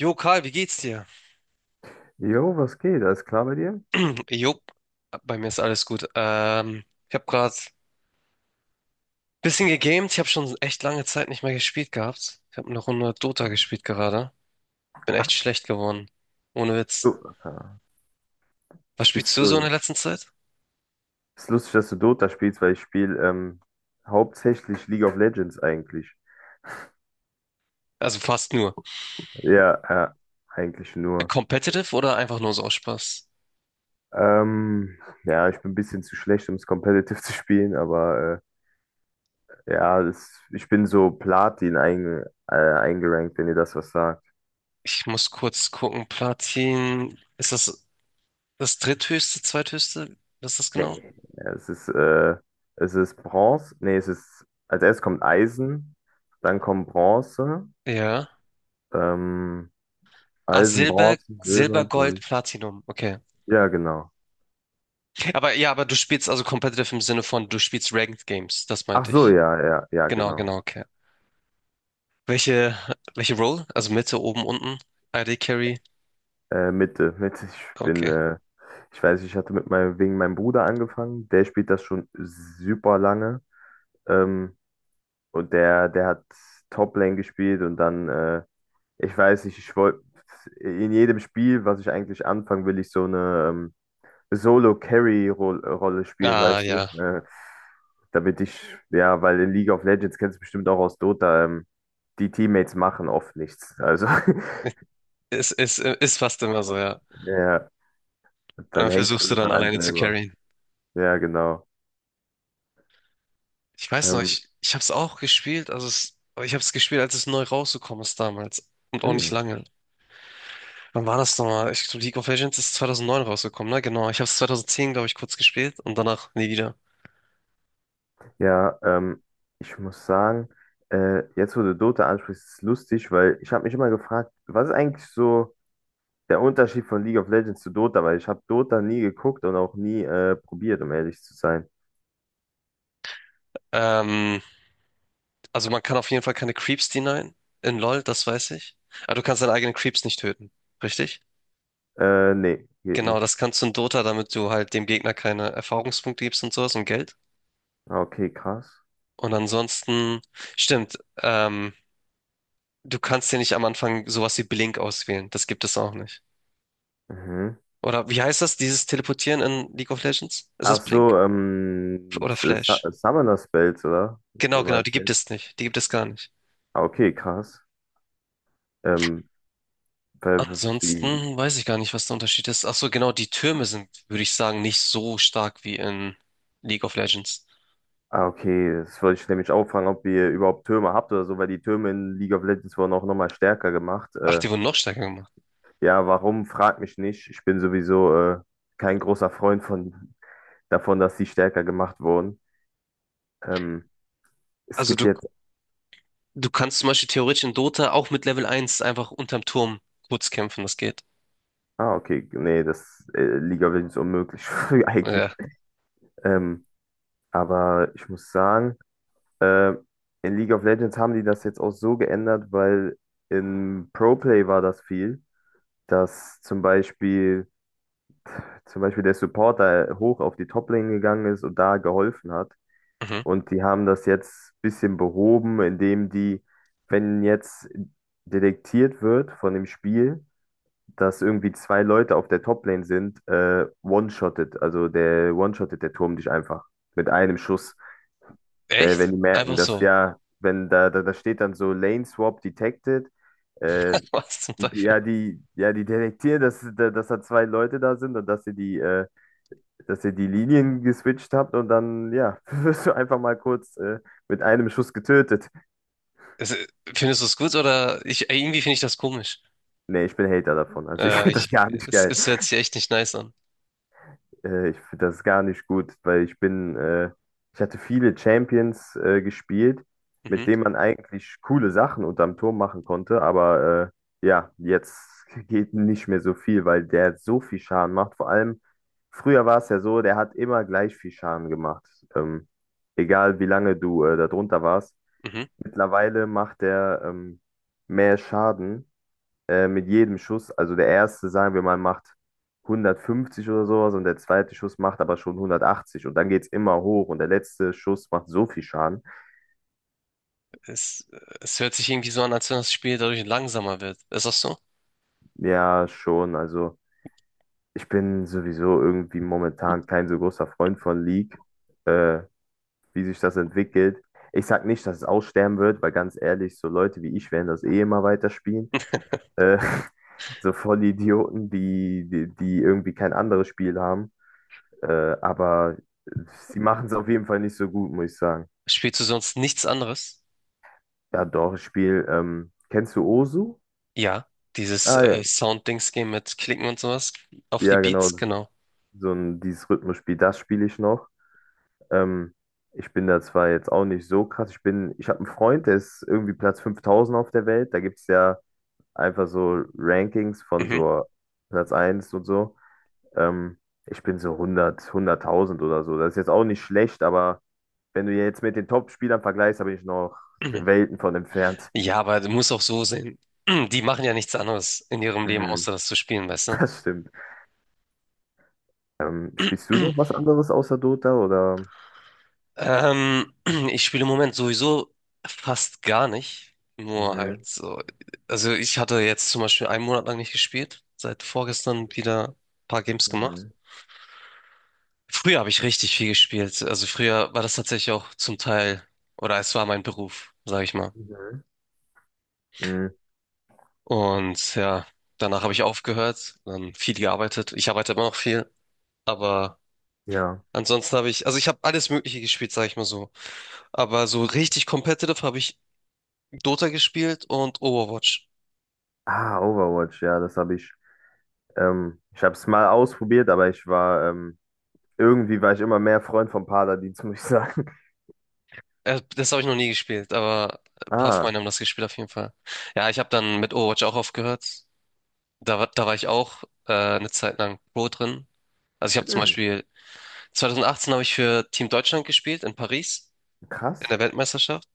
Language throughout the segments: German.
Jo, Karl, wie geht's dir? Jo, was geht? Alles klar bei dir? Jo, bei mir ist alles gut. Ich habe gerade ein bisschen gegamed. Ich habe schon echt lange Zeit nicht mehr gespielt gehabt. Ich habe eine Runde Dota gespielt gerade. Bin echt schlecht geworden. Ohne Du, Witz. Alter, Was spielst spielst du so in der schon. letzten Zeit? Ist lustig, dass du Dota spielst, weil ich spiele hauptsächlich League of Legends eigentlich. Also fast nur. Ja, ja, eigentlich nur. Competitive oder einfach nur so aus Spaß? Ähm, ja, ich bin ein bisschen zu schlecht, um es competitive zu spielen, aber ja, ich bin so eingerankt, wenn ihr das was sagt. Ich muss kurz gucken. Platin. Ist das das dritthöchste, zweithöchste? Was ist das genau? Nee, es ist, äh, es ist Bronze. Nee, es ist, als erstes kommt Eisen, dann kommt Bronze. Ja. Ähm, Ah, Eisen, Silber, Bronze, Silber, Silber, Gold, Gold. Platinum. Okay. Ja, genau. Aber ja, aber du spielst also competitive im Sinne von, du spielst Ranked Games, das Ach meinte so, ich. ja, ja, ja, Genau, genau. genau, okay. Welche, welche Role? Also Mitte, oben, unten? AD Carry? Mitte, Mitte. Okay. Ich weiß, ich hatte mit meinem, wegen meinem Bruder angefangen. Der spielt das schon super lange. Ähm, und der hat Top-Lane gespielt und dann, ich weiß nicht, ich wollte in jedem Spiel, was ich eigentlich anfangen will, ich so eine Solo-Carry-Rolle spielen, Ah, weißt du? ja. Damit ich, ja, weil in League of Legends kennst du bestimmt auch aus Dota, die Teammates machen oft nichts. Also, Ist fast immer so, ja. ja, Und dann dann hängt versuchst du alles dann an einem alleine zu selber. carryen. Ja, genau. Ich weiß noch, Ähm, ich habe es auch gespielt, also es, ich habe es gespielt, als es neu rausgekommen ist damals. Und auch nicht hm. lange. Wann war das nochmal? Ich glaube, League of Legends ist 2009 rausgekommen, ne? Genau. Ich habe hab's 2010, glaube ich, kurz gespielt und danach nie wieder. Ja, ich muss sagen, jetzt wo du Dota ansprichst, ist es lustig, weil ich habe mich immer gefragt, was ist eigentlich so der Unterschied von League of Legends zu Dota? Weil ich habe Dota nie geguckt und auch nie probiert, um ehrlich zu sein. Ähm, Also man kann auf jeden Fall keine Creeps denyen in LoL, das weiß ich. Aber du kannst deine eigenen Creeps nicht töten, richtig? Nee, geht Genau, nicht. das kannst du in Dota, damit du halt dem Gegner keine Erfahrungspunkte gibst und sowas und Geld. Ah, okay, krass. Und ansonsten, stimmt, du kannst dir nicht am Anfang sowas wie Blink auswählen. Das gibt es auch nicht. Mhm. Oder wie heißt das, dieses Teleportieren in League of Legends? Ist das Ach Blink? so, Oder Flash? Summoner Spells, oder? Genau, genau, die Meinst du gibt jetzt? es nicht. Die gibt es gar nicht. Ah, okay, krass. Ähm, weil, w- wie, Ansonsten weiß ich gar nicht, was der Unterschied ist. Ach so, genau, die Türme sind, würde ich sagen, nicht so stark wie in League of Legends. ah, okay, das wollte ich nämlich auch fragen, ob ihr überhaupt Türme habt oder so, weil die Türme in League of Legends wurden auch nochmal stärker gemacht. Ach, die wurden noch stärker gemacht. Ja, warum, frag mich nicht. Ich bin sowieso kein großer Freund davon, dass die stärker gemacht wurden. Ähm, es Also gibt du, jetzt, du kannst zum Beispiel theoretisch in Dota auch mit Level 1 einfach unterm Turm kurz kämpfen, das geht. ah, okay, nee, das League of Legends unmöglich, eigentlich. Ja. Ähm, Aber ich muss sagen, äh, in League of Legends haben die das jetzt auch so geändert, weil in Pro Play war das viel, dass zum Beispiel, zum Beispiel der Supporter hoch auf die Top-Lane gegangen ist und da geholfen hat. Mhm. Und die haben das jetzt ein bisschen behoben, indem die, wenn jetzt detektiert wird von dem Spiel, dass irgendwie zwei Leute auf der Top-Lane sind, one-shottet der Turm dich einfach mit einem Schuss. Weil, wenn Echt? die merken, Einfach dass so. ja, wenn da steht dann so Lane Swap Detected, äh, Was zum Teufel? Die detektieren, dass da zwei Leute da sind und dass ihr dass ihr die Linien geswitcht habt und dann, ja, wirst du einfach mal kurz mit einem Schuss getötet. Also, findest du es gut oder ich, irgendwie finde ich das komisch. Nee, ich bin Hater davon. Also ich finde das Ich, gar nicht es, geil. es hört sich echt nicht nice an. Ich finde das gar nicht gut, weil ich hatte viele Champions gespielt, mit Mhm, denen man eigentlich coole Sachen unterm Turm machen konnte, aber ja, jetzt geht nicht mehr so viel, weil der so viel Schaden macht. Vor allem, früher war es ja so, der hat immer gleich viel Schaden gemacht. Ähm, Egal wie lange du da drunter warst. mhm. Mittlerweile macht der mehr Schaden mit jedem Schuss, also der erste, sagen wir mal, macht 150 oder sowas und der zweite Schuss macht aber schon 180 und dann geht's immer hoch und der letzte Schuss macht so viel Schaden. Es, es hört sich irgendwie so an, als wenn das Spiel dadurch langsamer wird. Ist das so? Ja, schon, also ich bin sowieso irgendwie momentan kein so großer Freund von League, äh, wie sich das entwickelt. Ich sag nicht, dass es aussterben wird, weil ganz ehrlich, so Leute wie ich werden das eh immer weiterspielen. Äh, so Vollidioten, die irgendwie kein anderes Spiel haben. Aber sie machen es auf jeden Fall nicht so gut, muss ich sagen. Spielst du sonst nichts anderes? Ja, doch, ich spiele, kennst du Osu? Ja, dieses Ah ja, Sound-Dings-Game mit Klicken und sowas auf die ja genau, Beats, genau. so ein dieses Rhythmusspiel, das spiele ich noch. Ähm, Ich bin da zwar jetzt auch nicht so krass, ich habe einen Freund, der ist irgendwie Platz 5.000 auf der Welt, da gibt es ja einfach so Rankings von Mhm. so Platz eins und so. Ähm, Ich bin so hundert, 100.000 oder so, das ist jetzt auch nicht schlecht, aber wenn du jetzt mit den Top-Spielern vergleichst, da bin ich noch Welten von entfernt. Ja, aber du musst auch so sehen. Die machen ja nichts anderes in ihrem Leben, Mhm, außer das zu spielen, weißt du? das stimmt. Spielst du noch was anderes außer Dota oder? Ähm, ich spiele im Moment sowieso fast gar nicht. Nur halt Mhm, so. Also ich hatte jetzt zum Beispiel einen Monat lang nicht gespielt. Seit vorgestern wieder ein paar Games gemacht. mhm, Früher habe ich richtig viel gespielt. Also früher war das tatsächlich auch zum Teil, oder es war mein Beruf, sage ich mal. mhm, mhm, Und ja, danach habe ich aufgehört, dann viel gearbeitet. Ich arbeite immer noch viel, aber ja. ansonsten habe ich, also ich habe alles Mögliche gespielt, sage ich mal so. Aber so richtig competitive habe ich Dota gespielt und Overwatch. Ah, Overwatch, ja, das habe ich. Ich habe es mal ausprobiert, aber ich war irgendwie war ich immer mehr Freund von Paladins, muss ich sagen. Das habe ich noch nie gespielt, aber ein paar Ah, Freunde haben das gespielt auf jeden Fall. Ja, ich habe dann mit Overwatch auch aufgehört. Da, da war ich auch eine Zeit lang Pro drin. Also ich habe zum mhm, Beispiel 2018 habe ich für Team Deutschland gespielt in Paris in krass. der Weltmeisterschaft.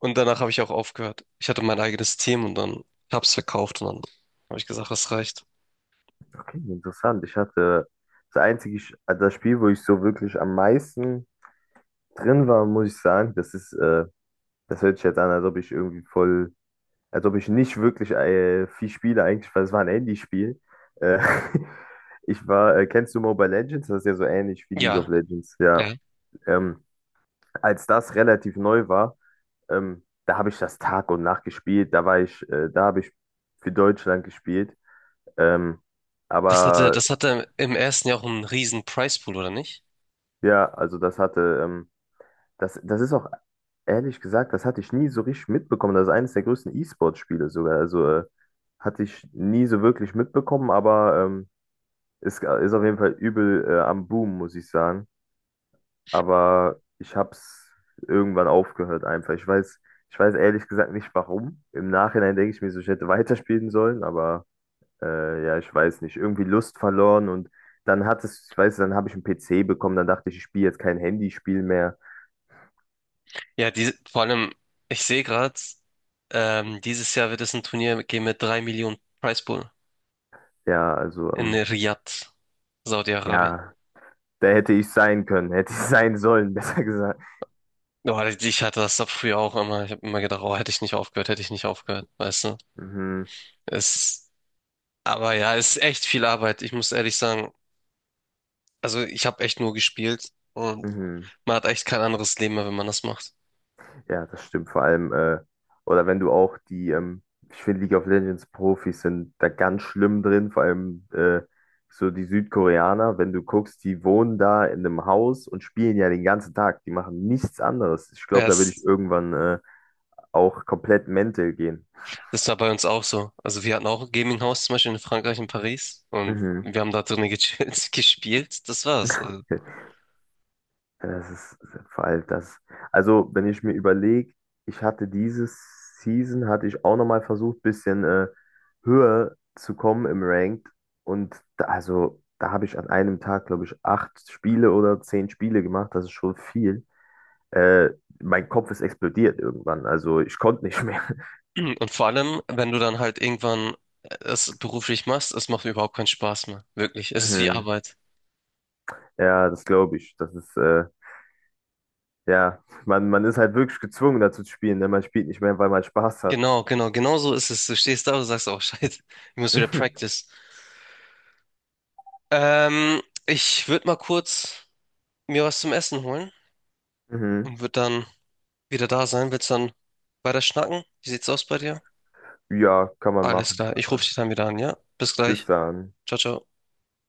Und danach habe ich auch aufgehört. Ich hatte mein eigenes Team und dann hab's verkauft und dann habe ich gesagt, es reicht. Okay, interessant. Ich hatte das einzige, Sch- Also das Spiel, wo ich so wirklich am meisten drin war, muss ich sagen, das hört sich jetzt an, als ob ich nicht wirklich viel spiele eigentlich, weil es war ein Handyspiel. Äh, Kennst du Mobile Legends? Das ist ja so ähnlich wie League Ja, of Legends, ja. ja. Ähm, Als das relativ neu war, da habe ich das Tag und Nacht gespielt. Da habe ich für Deutschland gespielt. Ähm, Das hatte, aber das hatte im ersten Jahr auch einen riesen Prizepool, oder nicht? ja, das ist auch ehrlich gesagt, das hatte ich nie so richtig mitbekommen. Das ist eines der größten E-Sport-Spiele sogar. Also hatte ich nie so wirklich mitbekommen, aber ist, ist auf jeden Fall übel am Boom, muss ich sagen. Aber ich hab's irgendwann aufgehört einfach. Ich weiß ehrlich gesagt nicht warum. Im Nachhinein denke ich mir so, ich hätte weiterspielen sollen, aber ja, ich weiß nicht. Irgendwie Lust verloren und dann ich weiß, dann habe ich einen PC bekommen, dann dachte ich, ich spiele jetzt kein Handyspiel mehr. Ja, die, vor allem, ich sehe gerade, dieses Jahr wird es ein Turnier geben mit 3 Millionen Prizepool Ja, also, ähm, in Riyadh, Saudi-Arabien. ja, da hätte ich sein können, hätte ich sein sollen, besser gesagt. Oh, ich hatte das doch früher auch immer. Ich habe immer gedacht, oh, hätte ich nicht aufgehört, hätte ich nicht aufgehört, weißt du? Mhm, Es, aber ja, es ist echt viel Arbeit. Ich muss ehrlich sagen, also ich habe echt nur gespielt und mhm. Man hat echt kein anderes Leben mehr, wenn man das macht. Ja, das stimmt vor allem. Oder wenn du auch ich finde League of Legends Profis sind da ganz schlimm drin, vor allem so die Südkoreaner, wenn du guckst, die wohnen da in einem Haus und spielen ja den ganzen Tag. Die machen nichts anderes. Ich Ja, glaube, da würde ich es, irgendwann auch komplett mental gehen. das war bei uns auch so. Also wir hatten auch ein Gaming-Haus zum Beispiel in Frankreich, in Paris. Und Mhm. wir haben da drinnen gechillt, gespielt. Das war's. Also, Das ist vor allem das. Also, wenn ich mir überlege, ich hatte dieses Season, hatte ich auch nochmal versucht, bisschen höher zu kommen im Ranked. Und da, also, da habe ich an einem Tag, glaube ich, acht Spiele oder zehn Spiele gemacht. Das ist schon viel. Äh, Mein Kopf ist explodiert irgendwann. Also, ich konnte nicht mehr. und vor allem, wenn du dann halt irgendwann es beruflich machst, es macht überhaupt keinen Spaß mehr. Wirklich. Es ist wie Mhm. Arbeit. Ja, das glaube ich. Ja, man ist halt wirklich gezwungen, dazu zu spielen. Denn man spielt nicht mehr, weil man Spaß hat. Genau, genau, genau so ist es. Du stehst da und sagst, oh, Scheiße, ich muss wieder practice. Ich würde mal kurz mir was zum Essen holen Mhm. und würde dann wieder da sein. Willst du dann weiter schnacken? Wie sieht's aus bei dir? Ja, kann man Alles machen. klar, ich rufe dich dann wieder an, ja? Bis Bis gleich. dann. Ciao, ciao.